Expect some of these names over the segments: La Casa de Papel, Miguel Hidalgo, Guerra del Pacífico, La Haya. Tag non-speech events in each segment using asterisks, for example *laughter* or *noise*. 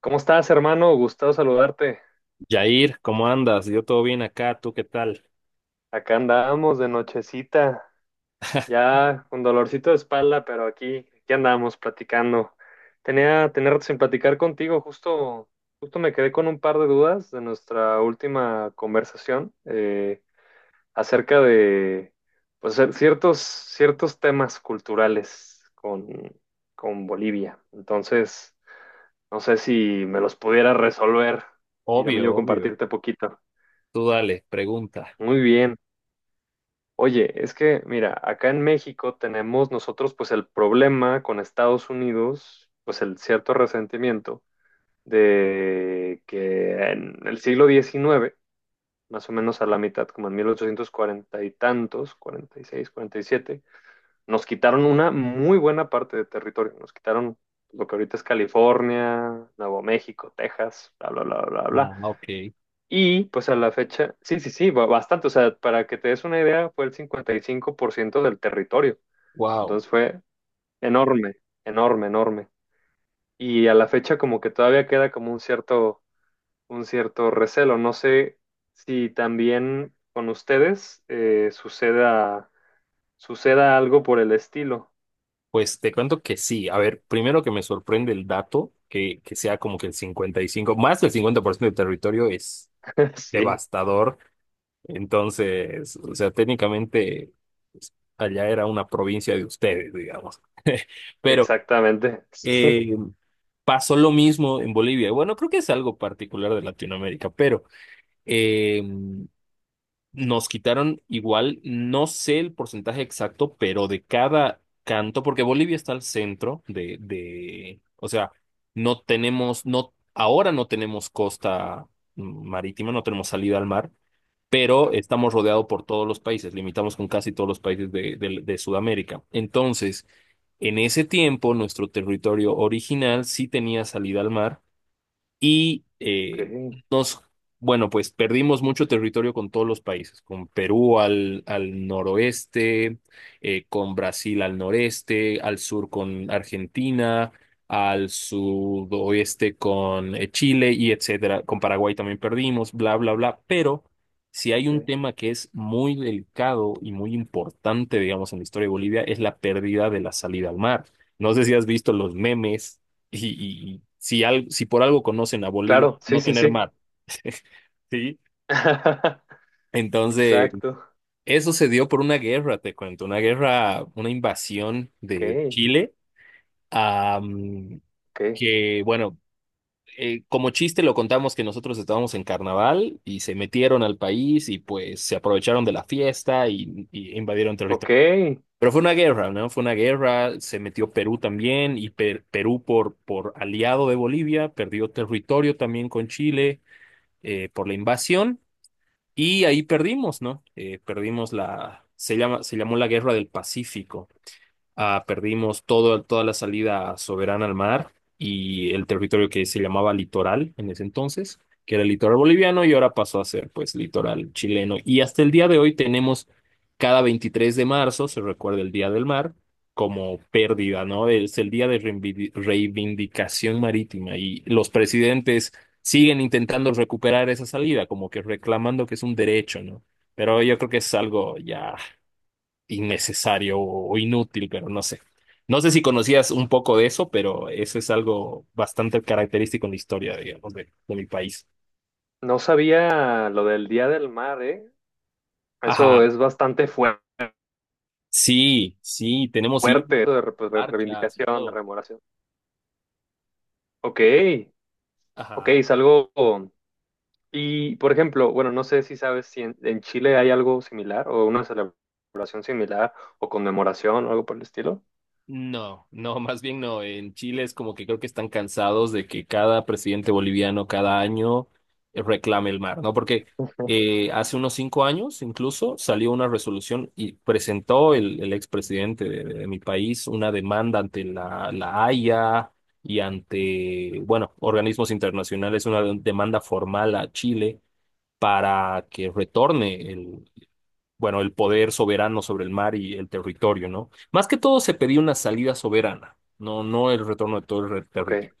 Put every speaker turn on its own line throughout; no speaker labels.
¿Cómo estás, hermano? Gustavo saludarte.
Yair, ¿cómo andas? Yo todo bien acá, ¿tú qué tal?
Acá andamos de nochecita,
*laughs*
ya con dolorcito de espalda, pero aquí andamos platicando. Tenía tener sin platicar contigo, justo me quedé con un par de dudas de nuestra última conversación acerca de pues, ciertos temas culturales con Bolivia. Entonces, no sé si me los pudiera resolver y también
Obvio,
yo
obvio.
compartirte poquito.
Tú dale, pregunta.
Muy bien. Oye, es que, mira, acá en México tenemos nosotros pues el problema con Estados Unidos, pues el cierto resentimiento de que en el siglo XIX, más o menos a la mitad, como en 1840 y tantos, 46, 47, nos quitaron una muy buena parte de territorio, nos quitaron lo que ahorita es California, Nuevo México, Texas, bla, bla, bla, bla,
Ah,
bla.
ok.
Y pues a la fecha, sí, sí, sí, bastante. O sea, para que te des una idea, fue el 55% del territorio.
Wow.
Entonces fue enorme, enorme, enorme. Y a la fecha como que todavía queda como un cierto recelo. No sé si también con ustedes suceda algo por el estilo.
Pues te cuento que sí. A ver, primero que me sorprende el dato, que sea como que el 55, más del 50% del territorio es
*laughs* Sí,
devastador. Entonces, o sea, técnicamente pues, allá era una provincia de ustedes, digamos. *laughs* Pero
exactamente. Sí,
eh, pasó lo mismo en Bolivia. Bueno, creo que es algo particular de Latinoamérica, pero eh, nos quitaron igual, no sé el porcentaje exacto, pero de cada canto, porque Bolivia está al centro o sea, no tenemos, no, ahora no tenemos costa marítima, no tenemos salida al mar, pero
claro.
estamos rodeados por todos los países, limitamos con casi todos los países de, de Sudamérica. Entonces, en ese tiempo, nuestro territorio original sí tenía salida al mar y
Ok,
nos, bueno, pues perdimos mucho territorio con todos los países, con Perú al, al noroeste, con Brasil al noreste, al sur con Argentina, al sudoeste con Chile y etcétera. Con Paraguay también perdimos, bla, bla, bla. Pero si hay un
ok.
tema que es muy delicado y muy importante, digamos, en la historia de Bolivia, es la pérdida de la salida al mar. No sé si has visto los memes y si, si por algo conocen a Bolivia,
Claro, sí,
no
sí,
tener
sí.
mar, *laughs* ¿sí?
*laughs*
Entonces,
Exacto.
eso se dio por una guerra, te cuento, una guerra, una invasión
Ok,
de Chile, ah, mm,
ok.
que, bueno, como chiste lo contamos que nosotros estábamos en carnaval y se metieron al país y pues se aprovecharon de la fiesta y invadieron
Ok,
territorio. Pero fue una guerra, ¿no? Fue una guerra, se metió Perú también y Perú por aliado de Bolivia, perdió territorio también con Chile por la invasión y ahí perdimos, ¿no? Perdimos la, se llama, se llamó la Guerra del Pacífico. Ah, perdimos todo, toda la salida soberana al mar y el territorio que se llamaba litoral en ese entonces, que era el litoral boliviano y ahora pasó a ser pues litoral chileno. Y hasta el día de hoy tenemos cada 23 de marzo, se recuerda el Día del Mar, como pérdida, ¿no? Es el día de reivindicación marítima y los presidentes siguen intentando recuperar esa salida, como que reclamando que es un derecho, ¿no? Pero yo creo que es algo ya innecesario o inútil, pero no sé. No sé si conocías un poco de eso, pero eso es algo bastante característico en la historia, digamos, de mi país.
no sabía lo del Día del Mar, ¿eh?
Ajá,
Eso es bastante
sí, sí, tenemos y
fuerte, eso de, pues, de
marchas y
reivindicación, de
todo.
rememoración. Ok, ok,
Ajá.
es algo... Y, por ejemplo, bueno, no sé si sabes si en Chile hay algo similar o una celebración similar o conmemoración o algo por el estilo.
No, no, más bien no. En Chile es como que creo que están cansados de que cada presidente boliviano cada año reclame el mar, ¿no? Porque
Ujú.
hace unos 5 años incluso salió una resolución y presentó el expresidente de mi país una demanda ante la, la Haya y ante, bueno, organismos internacionales, una demanda formal a Chile para que retorne el bueno, el poder soberano sobre el mar y el territorio, ¿no? Más que todo se pedía una salida soberana, no, no el retorno de todo el
Ok,
territorio.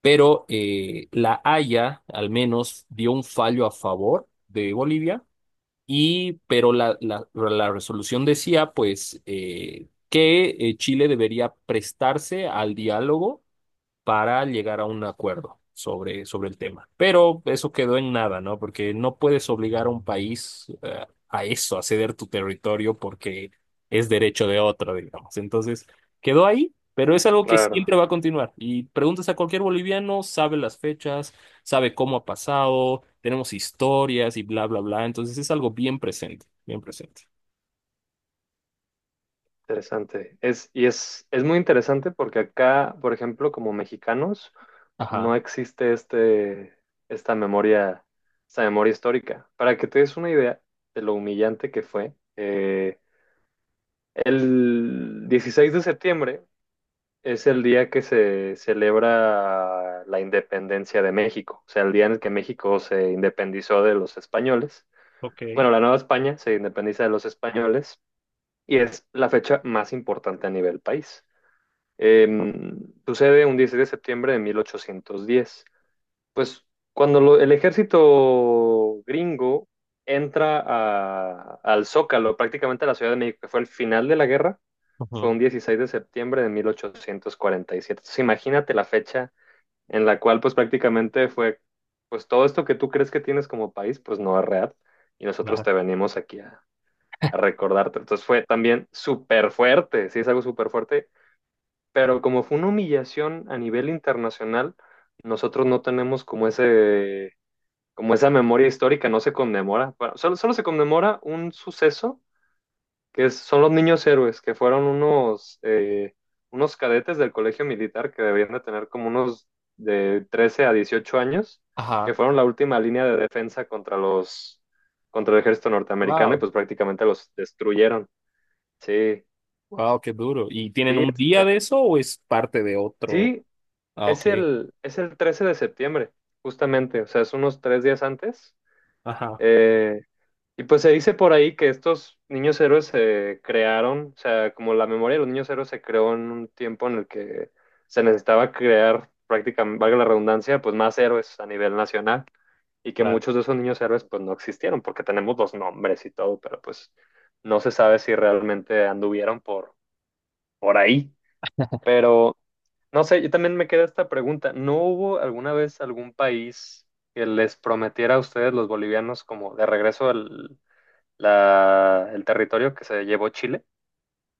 Pero La Haya al menos dio un fallo a favor de Bolivia y pero la resolución decía pues que Chile debería prestarse al diálogo para llegar a un acuerdo sobre, sobre el tema. Pero eso quedó en nada, ¿no? Porque no puedes obligar a un país a eso, a ceder tu territorio porque es derecho de otro, digamos. Entonces, quedó ahí, pero es algo que
claro.
siempre va a continuar. Y preguntas a cualquier boliviano, sabe las fechas, sabe cómo ha pasado, tenemos historias y bla, bla, bla. Entonces, es algo bien presente, bien presente.
Interesante. Es muy interesante porque acá, por ejemplo, como mexicanos,
Ajá.
no existe esta memoria, esta memoria histórica. Para que te des una idea de lo humillante que fue, el 16 de septiembre es el día que se celebra la independencia de México, o sea, el día en el que México se independizó de los españoles.
Ok.
Bueno, la Nueva España se independiza de los españoles y es la fecha más importante a nivel país. Em, sucede un 16 de septiembre de 1810. Pues cuando el ejército gringo entra al Zócalo, prácticamente a la Ciudad de México, que fue el final de la guerra, fue
Ujú.
un 16 de septiembre de 1847. Entonces, imagínate la fecha en la cual pues prácticamente fue, pues todo esto que tú crees que tienes como país, pues no es real. Y nosotros
Ajá.
te venimos aquí a recordarte. Entonces fue también súper fuerte, sí, es algo súper fuerte, pero como fue una humillación a nivel internacional, nosotros no tenemos como ese, como esa memoria histórica, no se conmemora. Bueno, solo se conmemora un suceso que son los niños héroes, que fueron unos cadetes del colegio militar que debían de tener como unos de 13 a 18 años, que
Ajá.
fueron la última línea de defensa contra el ejército norteamericano y
Wow.
pues prácticamente los destruyeron. Sí,
Wow, qué duro. ¿Y tienen
sí,
un día de eso o es parte de otro?
sí,
Ah, ok.
es el 13 de septiembre, justamente, o sea, es unos 3 días antes.
Ajá,
Eh, y pues se dice por ahí que estos niños héroes se crearon, o sea, como la memoria de los niños héroes se creó en un tiempo en el que se necesitaba crear prácticamente, valga la redundancia, pues más héroes a nivel nacional y que
claro.
muchos de esos niños héroes pues no existieron porque tenemos los nombres y todo, pero pues no se sabe si realmente anduvieron por ahí. Pero no sé, yo también me queda esta pregunta. ¿No hubo alguna vez algún país que les prometiera a ustedes, los bolivianos, como de regreso el territorio que se llevó Chile?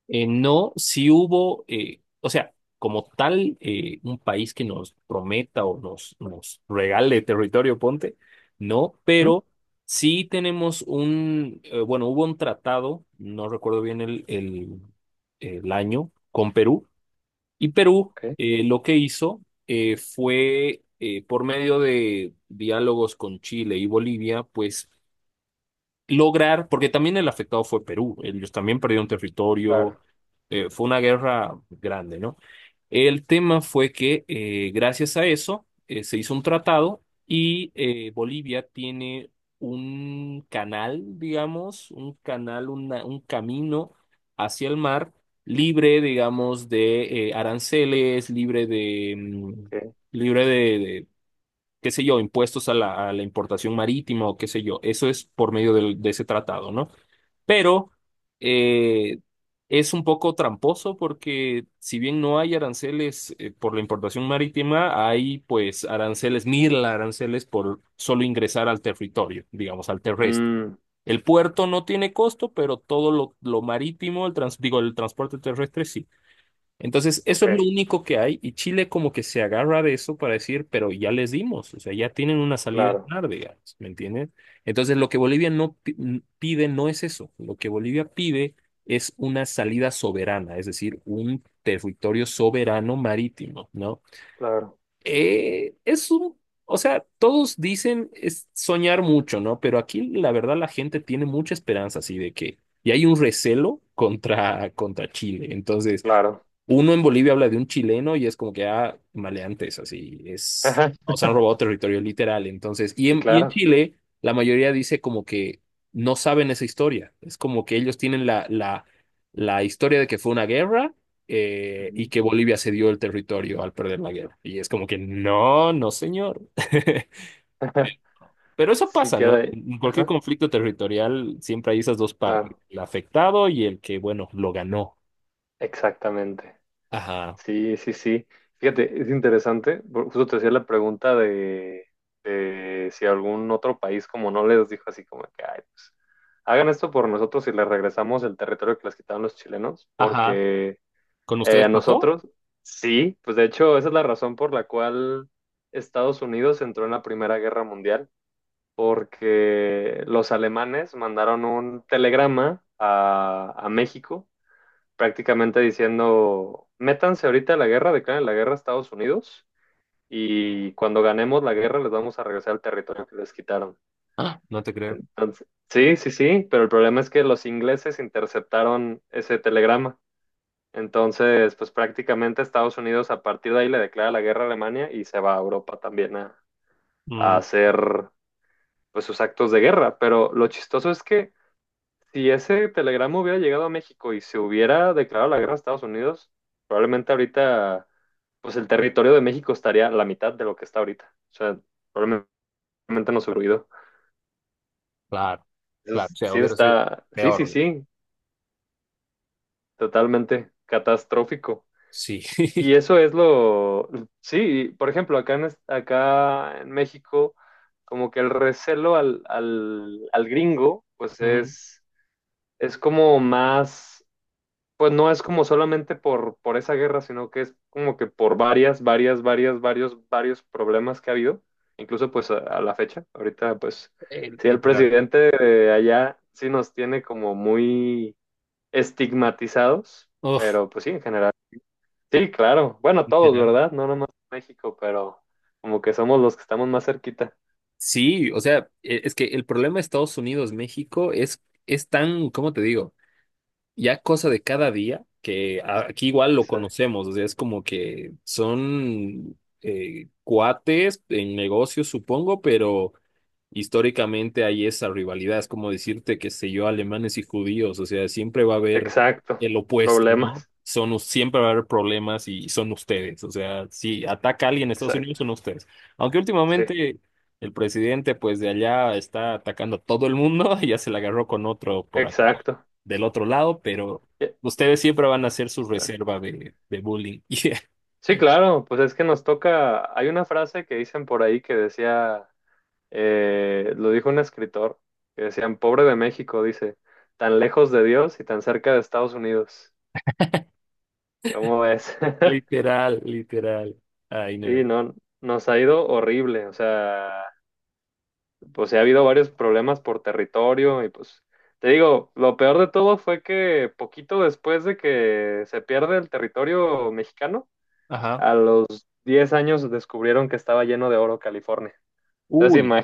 No, si hubo, o sea, como tal, un país que nos prometa o nos, nos regale territorio, ponte, no,
Ujú,
pero sí tenemos un, bueno, hubo un tratado, no recuerdo bien el año, con Perú. Y Perú
ok,
lo que hizo fue por medio de diálogos con Chile y Bolivia, pues lograr, porque también el afectado fue Perú, ellos también perdieron territorio,
claro.
fue una guerra grande, ¿no? El tema fue que gracias a eso se hizo un tratado y Bolivia tiene un canal, digamos, un canal, un camino hacia el mar libre, digamos, de aranceles, libre de,
Ok.
libre qué sé yo, impuestos a la importación marítima o qué sé yo. Eso es por medio de ese tratado, ¿no? Pero eh, es un poco tramposo porque si bien no hay aranceles por la importación marítima, hay pues aranceles, mil aranceles por solo ingresar al territorio, digamos, al terrestre.
Mm,
El puerto no tiene costo, pero todo lo marítimo, el digo, el transporte terrestre sí. Entonces, eso
ok,
es lo único que hay y Chile como que se agarra de eso para decir, pero ya les dimos, o sea, ya tienen una salida a
claro,
ganar, digamos, ¿me entienden? Entonces, lo que Bolivia pide no es eso, lo que Bolivia pide es una salida soberana, es decir, un territorio soberano marítimo, ¿no?
claro,
Es un, o sea, todos dicen es soñar mucho, ¿no? Pero aquí la verdad la gente tiene mucha esperanza así de que, y hay un recelo contra, contra Chile, entonces.
claro.
Uno en Bolivia habla de un chileno y es como que, ah, maleantes, así, es,
Ajá,
nos han robado territorio literal. Entonces,
sí,
y en
claro.
Chile, la mayoría dice como que no saben esa historia. Es como que ellos tienen la historia de que fue una guerra y
Ujú.
que Bolivia cedió el territorio al perder la guerra. Y es como que, no, no, señor. *laughs*
*laughs*
Pero eso
Sí,
pasa,
queda
¿no?
ahí.
En cualquier
Ajá,
conflicto territorial siempre hay esas dos partes,
claro,
el afectado y el que, bueno, lo ganó.
exactamente.
Ajá.
Sí, sí, sí. Fíjate, es interesante. Justo te hacía la pregunta de si algún otro país como no les dijo así como que, ay, pues, hagan esto por nosotros y les regresamos el territorio que les quitaron los chilenos,
Ajá.
porque
¿Con
a
ustedes pasó?
nosotros, sí, pues de hecho esa es la razón por la cual Estados Unidos entró en la Primera Guerra Mundial, porque los alemanes mandaron un telegrama a México, prácticamente diciendo, métanse ahorita a la guerra, declaren la guerra a Estados Unidos y cuando ganemos la guerra les vamos a regresar al territorio que les quitaron.
Ah, no te creo.
Entonces, sí, sí, sí, pero el problema es que los ingleses interceptaron ese telegrama. Entonces, pues prácticamente Estados Unidos a partir de ahí le declara la guerra a Alemania y se va a Europa también a
Mm,
hacer pues sus actos de guerra. Pero lo chistoso es que, si ese telegrama hubiera llegado a México y se hubiera declarado la guerra a Estados Unidos, probablemente ahorita, pues el territorio de México estaría a la mitad de lo que está ahorita. O sea, probablemente nos hubiera huido.
claro, claro. O
Entonces,
sea,
sí
hubiera sido
está, sí,
peor,
sí,
güey.
sí, totalmente catastrófico.
Sí.
Y
*laughs*
eso es lo, sí, por ejemplo, acá en México, como que el recelo al gringo, pues
Mm,
es, como más. Pues no es como solamente por esa guerra, sino que es como que por varios problemas que ha habido, incluso pues a la fecha. Ahorita pues sí, el
literal.
presidente de allá sí nos tiene como muy estigmatizados,
Uf,
pero pues sí, en general. Sí, claro. Bueno, todos,
literal.
¿verdad? No nomás México, pero como que somos los que estamos más cerquita.
Sí, o sea, es que el problema de Estados Unidos-México es tan, ¿cómo te digo? Ya cosa de cada día, que aquí igual lo
Exa-
conocemos, o sea, es como que son cuates en negocios, supongo, pero históricamente hay esa rivalidad, es como decirte, qué sé yo, alemanes y judíos, o sea, siempre va a haber
Exacto.
el opuesto, ¿no?
Problemas.
Son, siempre va a haber problemas y son ustedes, o sea, si ataca a alguien en Estados Unidos,
Exacto.
son ustedes. Aunque
Sí,
últimamente el presidente, pues de allá está atacando a todo el mundo, *laughs* ya se la agarró con otro por allá,
exacto.
del otro lado, pero
Yeah,
ustedes siempre van a ser su
exacto.
reserva de bullying. *laughs* Yeah.
Sí, claro, pues es que nos toca, hay una frase que dicen por ahí que decía, lo dijo un escritor, que decían, pobre de México, dice, tan lejos de Dios y tan cerca de Estados Unidos. ¿Cómo ves? *laughs*
Literal, literal. Ay, no.
Sí, no, nos ha ido horrible, o sea, pues sí ha habido varios problemas por territorio y pues, te digo, lo peor de todo fue que poquito después de que se pierde el territorio mexicano,
Ajá.
a los 10 años descubrieron que estaba lleno de oro California. Entonces,
Uy.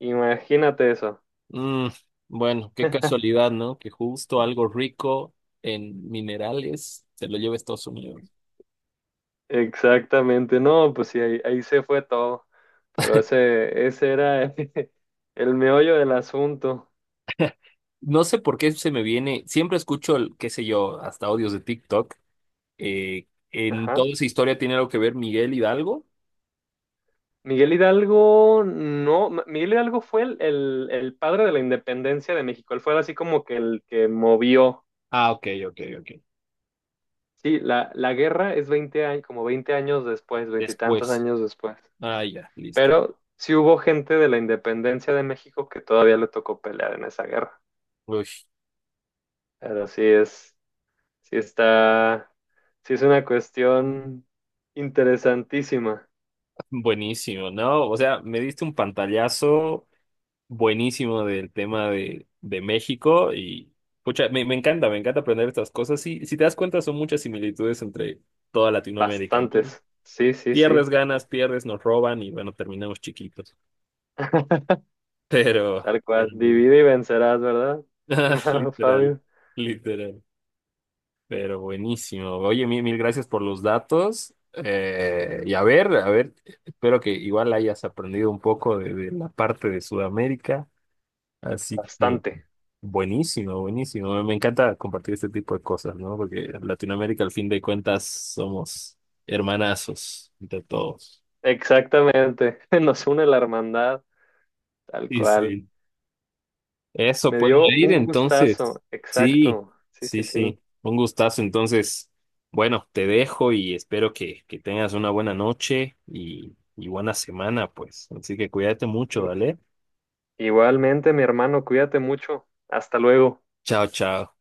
imagínate eso.
Mm, bueno, qué casualidad, ¿no? Que justo algo rico en minerales se lo lleve a Estados Unidos.
Exactamente. No, pues sí, ahí se fue todo. Pero ese era *laughs* el meollo del asunto.
No sé por qué se me viene, siempre escucho, qué sé yo, hasta audios de TikTok. Eh, en
Ajá.
toda esa historia tiene algo que ver Miguel Hidalgo.
Miguel Hidalgo, no, Miguel Hidalgo fue el padre de la independencia de México. Él fue así como que el que movió.
Ah, ok, ok, ok.
Sí, la guerra es 20 años, como 20 años después, veintitantos
Después.
años después.
Ah, ya, listo.
Pero sí hubo gente de la independencia de México que todavía le tocó pelear en esa guerra.
Uy,
Pero sí es. Sí está, sí es una cuestión interesantísima.
buenísimo, ¿no? O sea, me diste un pantallazo buenísimo del tema de México y pucha, me, me encanta aprender estas cosas. Sí, si te das cuenta, son muchas similitudes entre toda Latinoamérica, ¿no?
Bastantes. Sí, sí,
Pierdes
sí.
ganas, pierdes, nos roban y bueno, terminamos chiquitos.
*laughs*
*laughs* Pero,
Tal cual.
pero muy-
Divide y vencerás, ¿verdad?
*laughs* Ah,
Estimado
literal,
Fabio.
literal, pero buenísimo. Oye, mil, mil gracias por los datos. Y a ver, espero que igual hayas aprendido un poco de la parte de Sudamérica. Así que.
Bastante.
Buenísimo, buenísimo. Me encanta compartir este tipo de cosas, ¿no? Porque en Latinoamérica, al fin de cuentas, somos hermanazos entre todos.
Exactamente. *laughs* Nos une la hermandad. Tal
Y
cual.
sí. Eso
Me
puede
dio
ir,
un
entonces.
gustazo.
Sí,
Exacto. Sí,
sí,
sí, sí.
sí. Un gustazo. Entonces, bueno, te dejo y espero que tengas una buena noche y buena semana, pues. Así que cuídate mucho,
I-
¿vale?
Igualmente, mi hermano, cuídate mucho. Hasta luego.
Chao, chao.